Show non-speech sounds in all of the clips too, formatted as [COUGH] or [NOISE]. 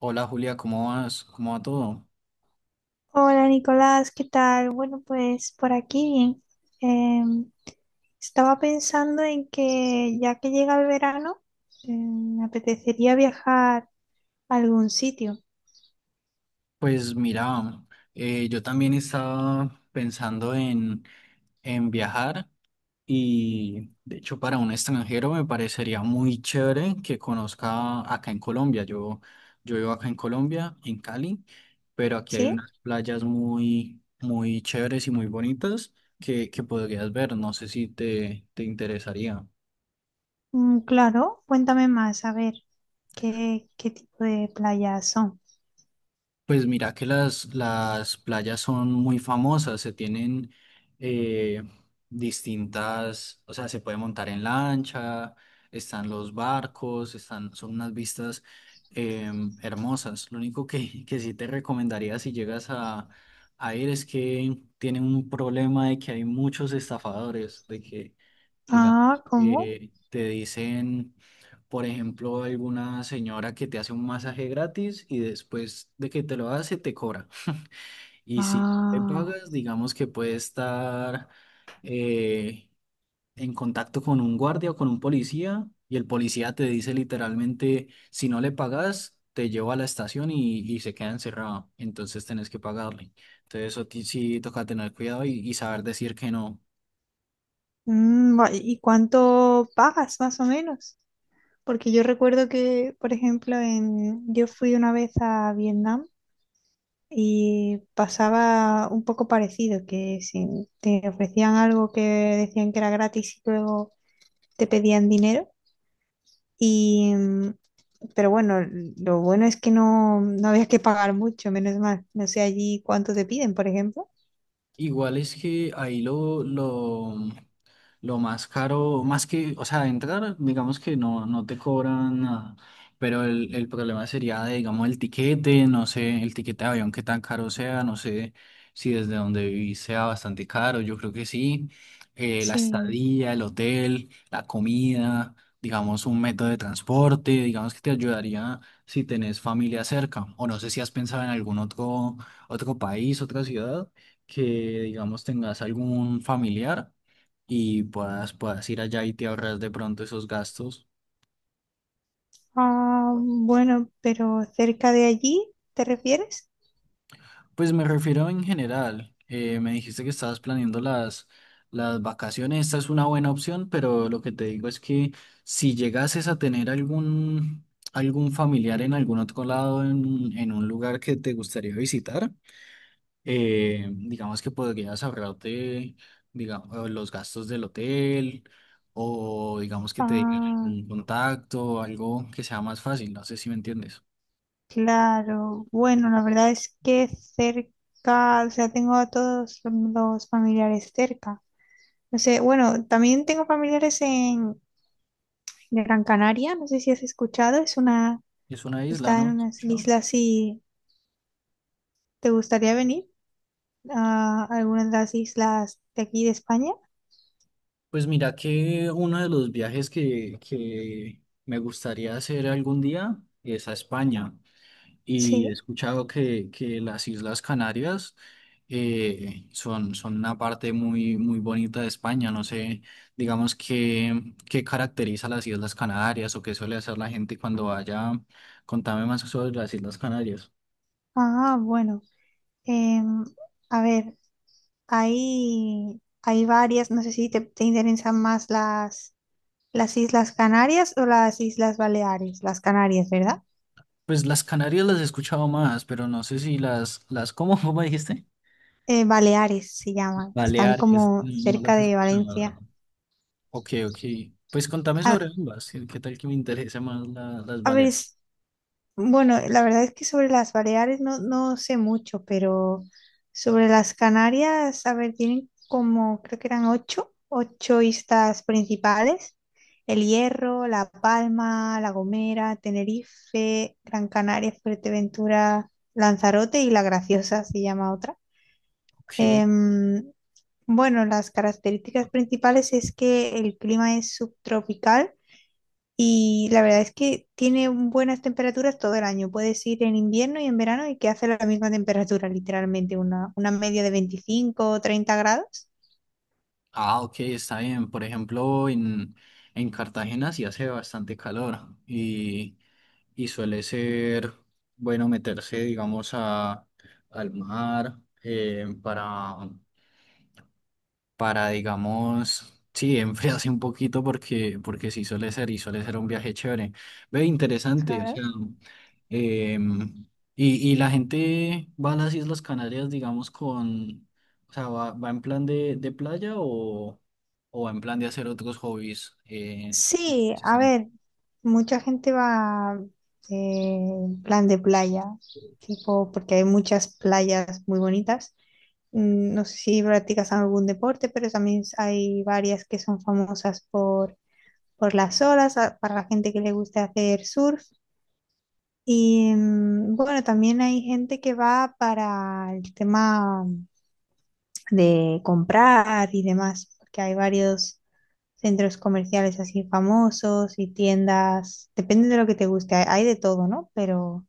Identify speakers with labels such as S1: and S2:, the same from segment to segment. S1: Hola Julia, ¿cómo vas? ¿Cómo va todo?
S2: Hola Nicolás, ¿qué tal? Bueno, pues por aquí bien. Em, Estaba pensando en que ya que llega el verano, me apetecería viajar a algún sitio.
S1: Pues mira, yo también estaba pensando en viajar y de hecho para un extranjero me parecería muy chévere que conozca acá en Colombia. Yo vivo acá en Colombia, en Cali, pero aquí hay
S2: ¿Sí?
S1: unas playas muy, muy chéveres y muy bonitas que podrías ver. No sé si te interesaría.
S2: Mm, claro, cuéntame más, a ver, ¿qué tipo de playas son?
S1: Pues mira que las playas son muy famosas, se tienen eh, distintas, o sea, se puede montar en lancha, están los barcos, están, son unas vistas eh, hermosas. Lo único que sí te recomendaría si llegas a ir es que tienen un problema de que hay muchos estafadores, de que digamos,
S2: Ah, ¿cómo?
S1: te dicen, por ejemplo, alguna señora que te hace un masaje gratis y después de que te lo hace, te cobra. Y si te
S2: Ah,
S1: pagas, digamos que puede estar eh, en contacto con un guardia o con un policía y el policía te dice literalmente, si no le pagas, te lleva a la estación y se queda encerrado. Entonces tenés que pagarle. Entonces eso sí toca tener cuidado y saber decir que no.
S2: ¿y cuánto pagas más o menos? Porque yo recuerdo que, por ejemplo, yo fui una vez a Vietnam. Y pasaba un poco parecido, que si te ofrecían algo que decían que era gratis y luego te pedían dinero. Y, pero bueno, lo bueno es que no, no había que pagar mucho, menos mal. No sé allí cuánto te piden, por ejemplo.
S1: Igual es que ahí lo más caro, más que, o sea, entrar, digamos que no te cobran nada, pero el problema sería, de, digamos, el tiquete, no sé, el tiquete de avión, qué tan caro sea, no sé si desde donde vivís sea bastante caro, yo creo que sí, la
S2: Sí.
S1: estadía, el hotel, la comida, digamos, un método de transporte, digamos que te ayudaría si tenés familia cerca, o no sé si has pensado en algún otro, otro país, otra ciudad que, digamos, tengas algún familiar y puedas ir allá y te ahorras de pronto esos gastos.
S2: Ah, bueno, pero cerca de allí, ¿te refieres?
S1: Pues me refiero en general. Me dijiste que estabas planeando las vacaciones. Esta es una buena opción, pero lo que te digo es que si llegases a tener algún, algún familiar en algún otro lado, en un lugar que te gustaría visitar. Digamos que podrías ahorrarte, digamos, los gastos del hotel o digamos que te digan
S2: Ah,
S1: un contacto algo que sea más fácil, no sé si me entiendes.
S2: claro. Bueno, la verdad es que cerca, o sea, tengo a todos los familiares cerca. No sé, bueno, también tengo familiares en Gran Canaria, no sé si has escuchado,
S1: Es una isla,
S2: está en
S1: ¿no?
S2: unas
S1: Yo-
S2: islas si te gustaría venir a alguna de las islas de aquí de España.
S1: Pues mira que uno de los viajes que me gustaría hacer algún día es a España. Y he
S2: Sí.
S1: escuchado que las Islas Canarias son una parte muy, muy bonita de España. No sé, digamos, qué caracteriza las Islas Canarias o qué suele hacer la gente cuando vaya. Contame más sobre las Islas Canarias.
S2: Ah, bueno. em, a ver, hay varias, no sé si te interesan más las Islas Canarias o las Islas Baleares, las Canarias, ¿verdad?
S1: Pues las Canarias las he escuchado más, pero no sé si ¿cómo, cómo dijiste?
S2: Baleares se llaman, están
S1: Baleares,
S2: como
S1: no no
S2: cerca
S1: las he
S2: de Valencia.
S1: escuchado. Ok, ok. Pues contame sobre
S2: A,
S1: ambas. ¿Qué, qué tal que me interesa más las
S2: a ver,
S1: Baleares?
S2: bueno, la verdad es que sobre las Baleares no, no sé mucho, pero sobre las Canarias, a ver, tienen como, creo que eran ocho islas principales. El Hierro, La Palma, La Gomera, Tenerife, Gran Canaria, Fuerteventura, Lanzarote y La Graciosa se llama otra.
S1: Ok.
S2: Em, bueno, las características principales es que el clima es subtropical y la verdad es que tiene buenas temperaturas todo el año. Puedes ir en invierno y en verano y que hace la misma temperatura, literalmente, una media de 25 o 30 grados.
S1: Ah, ok, está bien. Por ejemplo, en Cartagena sí hace bastante calor y suele ser bueno meterse, digamos, al mar eh, para, para, digamos, sí, [LAUGHS] enfriarse un poquito porque, porque sí suele ser y suele ser un viaje chévere. Ve, interesante, o
S2: Claro.
S1: sea, em, y la gente va a las Islas Canarias, digamos, con, o sea, va en plan de playa o va en plan de hacer otros hobbies.
S2: Sí, a ver, mucha gente va en plan de playa, tipo, porque hay muchas playas muy bonitas. Mm, no sé si practicas algún deporte, pero también hay varias que son famosas por las olas, para la gente que le gusta hacer surf. Y bueno, también hay gente que va para el tema de comprar y demás, porque hay varios centros comerciales así famosos y tiendas, depende de lo que te guste, hay de todo, ¿no? Pero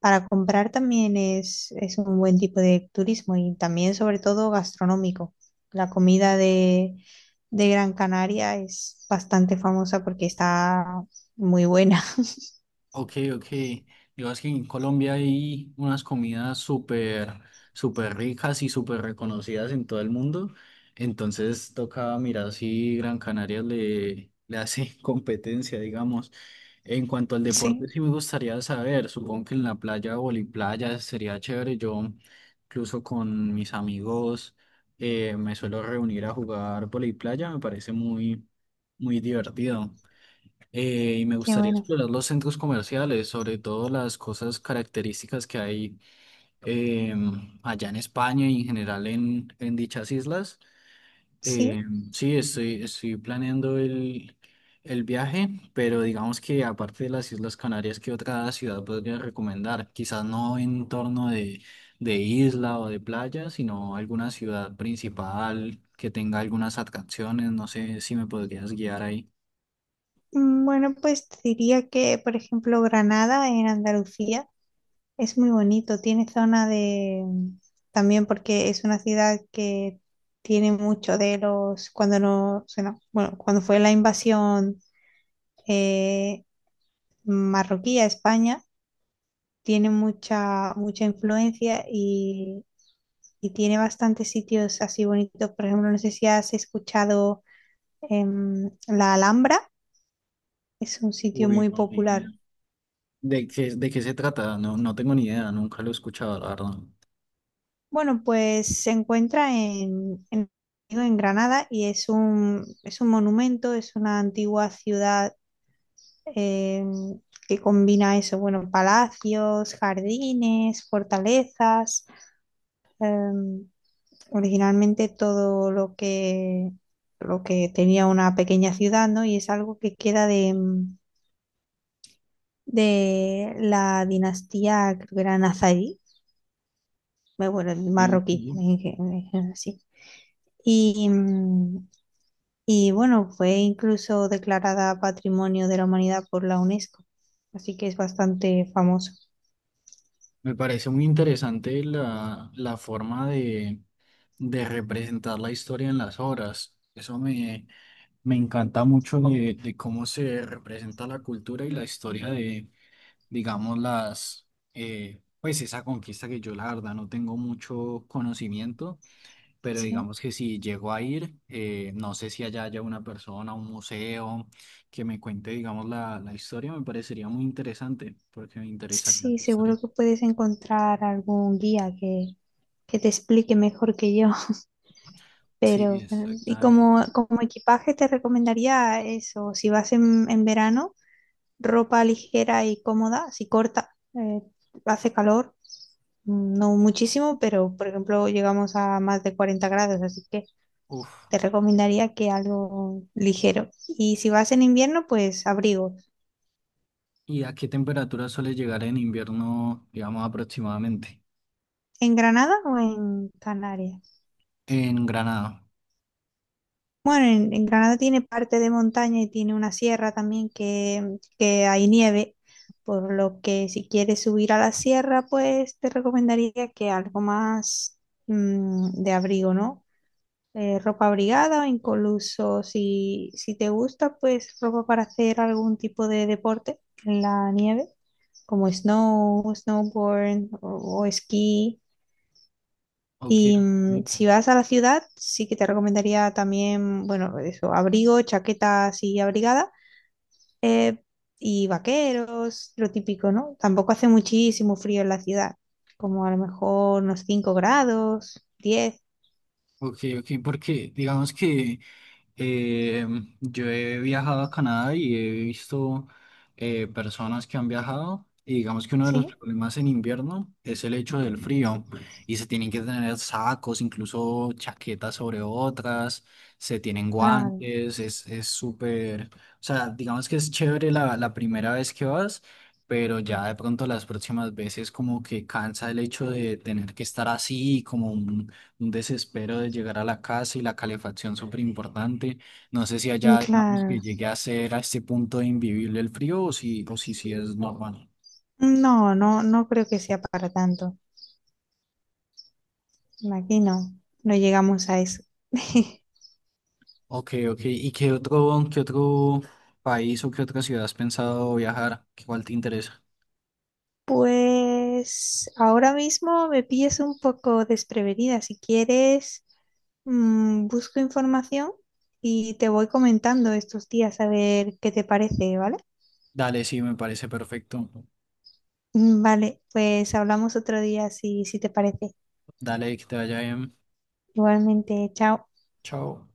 S2: para comprar también es un buen tipo de turismo y también sobre todo gastronómico. La comida de Gran Canaria es bastante famosa porque está muy buena. [LAUGHS]
S1: Ok, ok. Yo es que en Colombia hay unas comidas súper, súper ricas y súper reconocidas en todo el mundo. Entonces toca mirar si Gran Canaria le hace [LAUGHS] competencia, digamos. En cuanto al deporte,
S2: Sí,
S1: sí me gustaría saber. Supongo que en la playa, voliplaya, sería chévere. Yo, incluso con mis amigos, me suelo reunir a jugar voliplaya. Me parece muy, muy divertido. Y me
S2: qué
S1: gustaría
S2: bueno.
S1: explorar los centros comerciales, sobre todo las cosas características que hay allá en España y en general en dichas islas.
S2: Sí.
S1: Sí, estoy planeando el viaje, pero digamos que aparte de las Islas Canarias, ¿qué otra ciudad podría recomendar? Quizás no en torno de isla o de playa, sino alguna ciudad principal que tenga algunas atracciones. No sé si me podrías guiar ahí.
S2: Bueno, pues te diría que, por ejemplo, Granada en Andalucía es muy bonito. Tiene zona de, también porque es una ciudad que tiene mucho de los. Cuando no, o sea, no, bueno, cuando fue la invasión eh, marroquí a España, tiene mucha influencia y tiene bastantes sitios así bonitos. Por ejemplo, no sé si has escuchado la Alhambra. Es un sitio
S1: Uy,
S2: muy
S1: no, ni idea.
S2: popular.
S1: De qué se trata? No, no tengo ni idea, nunca lo he escuchado, la verdad.
S2: Bueno, pues se encuentra en, en Granada y es un monumento, es una antigua ciudad eh, que combina eso, bueno, palacios, jardines, fortalezas, eh, originalmente todo lo que tenía una pequeña ciudad, ¿no? Y es algo que queda de la dinastía, creo que era nazarí, bueno, el
S1: Eh,
S2: marroquí,
S1: y
S2: sí. Y, mm, Y bueno, fue incluso declarada Patrimonio de la Humanidad por la UNESCO, así que es bastante famoso.
S1: Me parece muy interesante la forma de representar la historia en las obras. Eso me encanta mucho de cómo se representa la cultura y la historia de, digamos, las, pues esa conquista que yo la verdad no tengo mucho conocimiento, pero
S2: Sí,
S1: digamos que si llego a ir, no sé si allá haya una persona, un museo que me cuente, digamos, la historia, me parecería muy interesante, porque me interesaría
S2: sí,
S1: la historia.
S2: seguro que puedes encontrar algún guía que te explique mejor que yo. [LAUGHS]
S1: Sí,
S2: Pero bueno, y
S1: exactamente.
S2: como equipaje te recomendaría eso, si vas en verano, ropa ligera y cómoda, si corta, hace calor, no muchísimo, pero por ejemplo llegamos a más de 40 grados, así que
S1: Uf.
S2: te recomendaría que algo ligero. Y si vas en invierno, pues abrigo.
S1: ¿Y a qué temperatura suele llegar en invierno, digamos, aproximadamente?
S2: ¿En Granada o en Canarias?
S1: En Granada.
S2: Bueno, en Granada tiene parte de montaña y tiene una sierra también que hay nieve, por lo que si quieres subir a la sierra, pues te recomendaría que algo más, de abrigo, ¿no? Ropa abrigada, incluso si te gusta, pues ropa para hacer algún tipo de deporte en la nieve, como snowboard o esquí.
S1: Ok,
S2: Y
S1: ok,
S2: si vas a la ciudad, sí que te recomendaría también, bueno, eso, abrigo, chaqueta así abrigada, eh, y vaqueros, lo típico, ¿no? Tampoco hace muchísimo frío en la ciudad, como a lo mejor unos 5 grados, 10.
S1: ok, ok, porque digamos que Eh, yo he viajado a Canadá y he visto personas que han viajado y digamos que uno de los
S2: Sí,
S1: problemas en invierno es el hecho del frío y se tienen que tener sacos, incluso chaquetas sobre otras, se tienen
S2: claro,
S1: guantes, es súper, o sea, digamos que es chévere la primera vez que vas, pero ya de pronto las próximas veces como que cansa el hecho de tener que estar así como un desespero de llegar a la casa y la calefacción súper importante. No sé si allá, digamos,
S2: claro.
S1: que llegue a ser a este punto de invivible el frío o si, sí es normal.
S2: No, no, no creo que sea para tanto. Aquí no, no llegamos a eso. [LAUGHS]
S1: Ok, ok. ¿Y qué otro país o qué otra ciudad has pensado viajar? ¿Cuál te interesa?
S2: Pues ahora mismo me pillas un poco desprevenida. Si quieres, busco información y te voy comentando estos días a ver qué te parece, ¿vale? [LAUGHS]
S1: Dale, sí, me parece perfecto.
S2: Mm, vale, pues hablamos otro día si te parece.
S1: Dale, que te vaya bien.
S2: Igualmente, chao.
S1: Chao.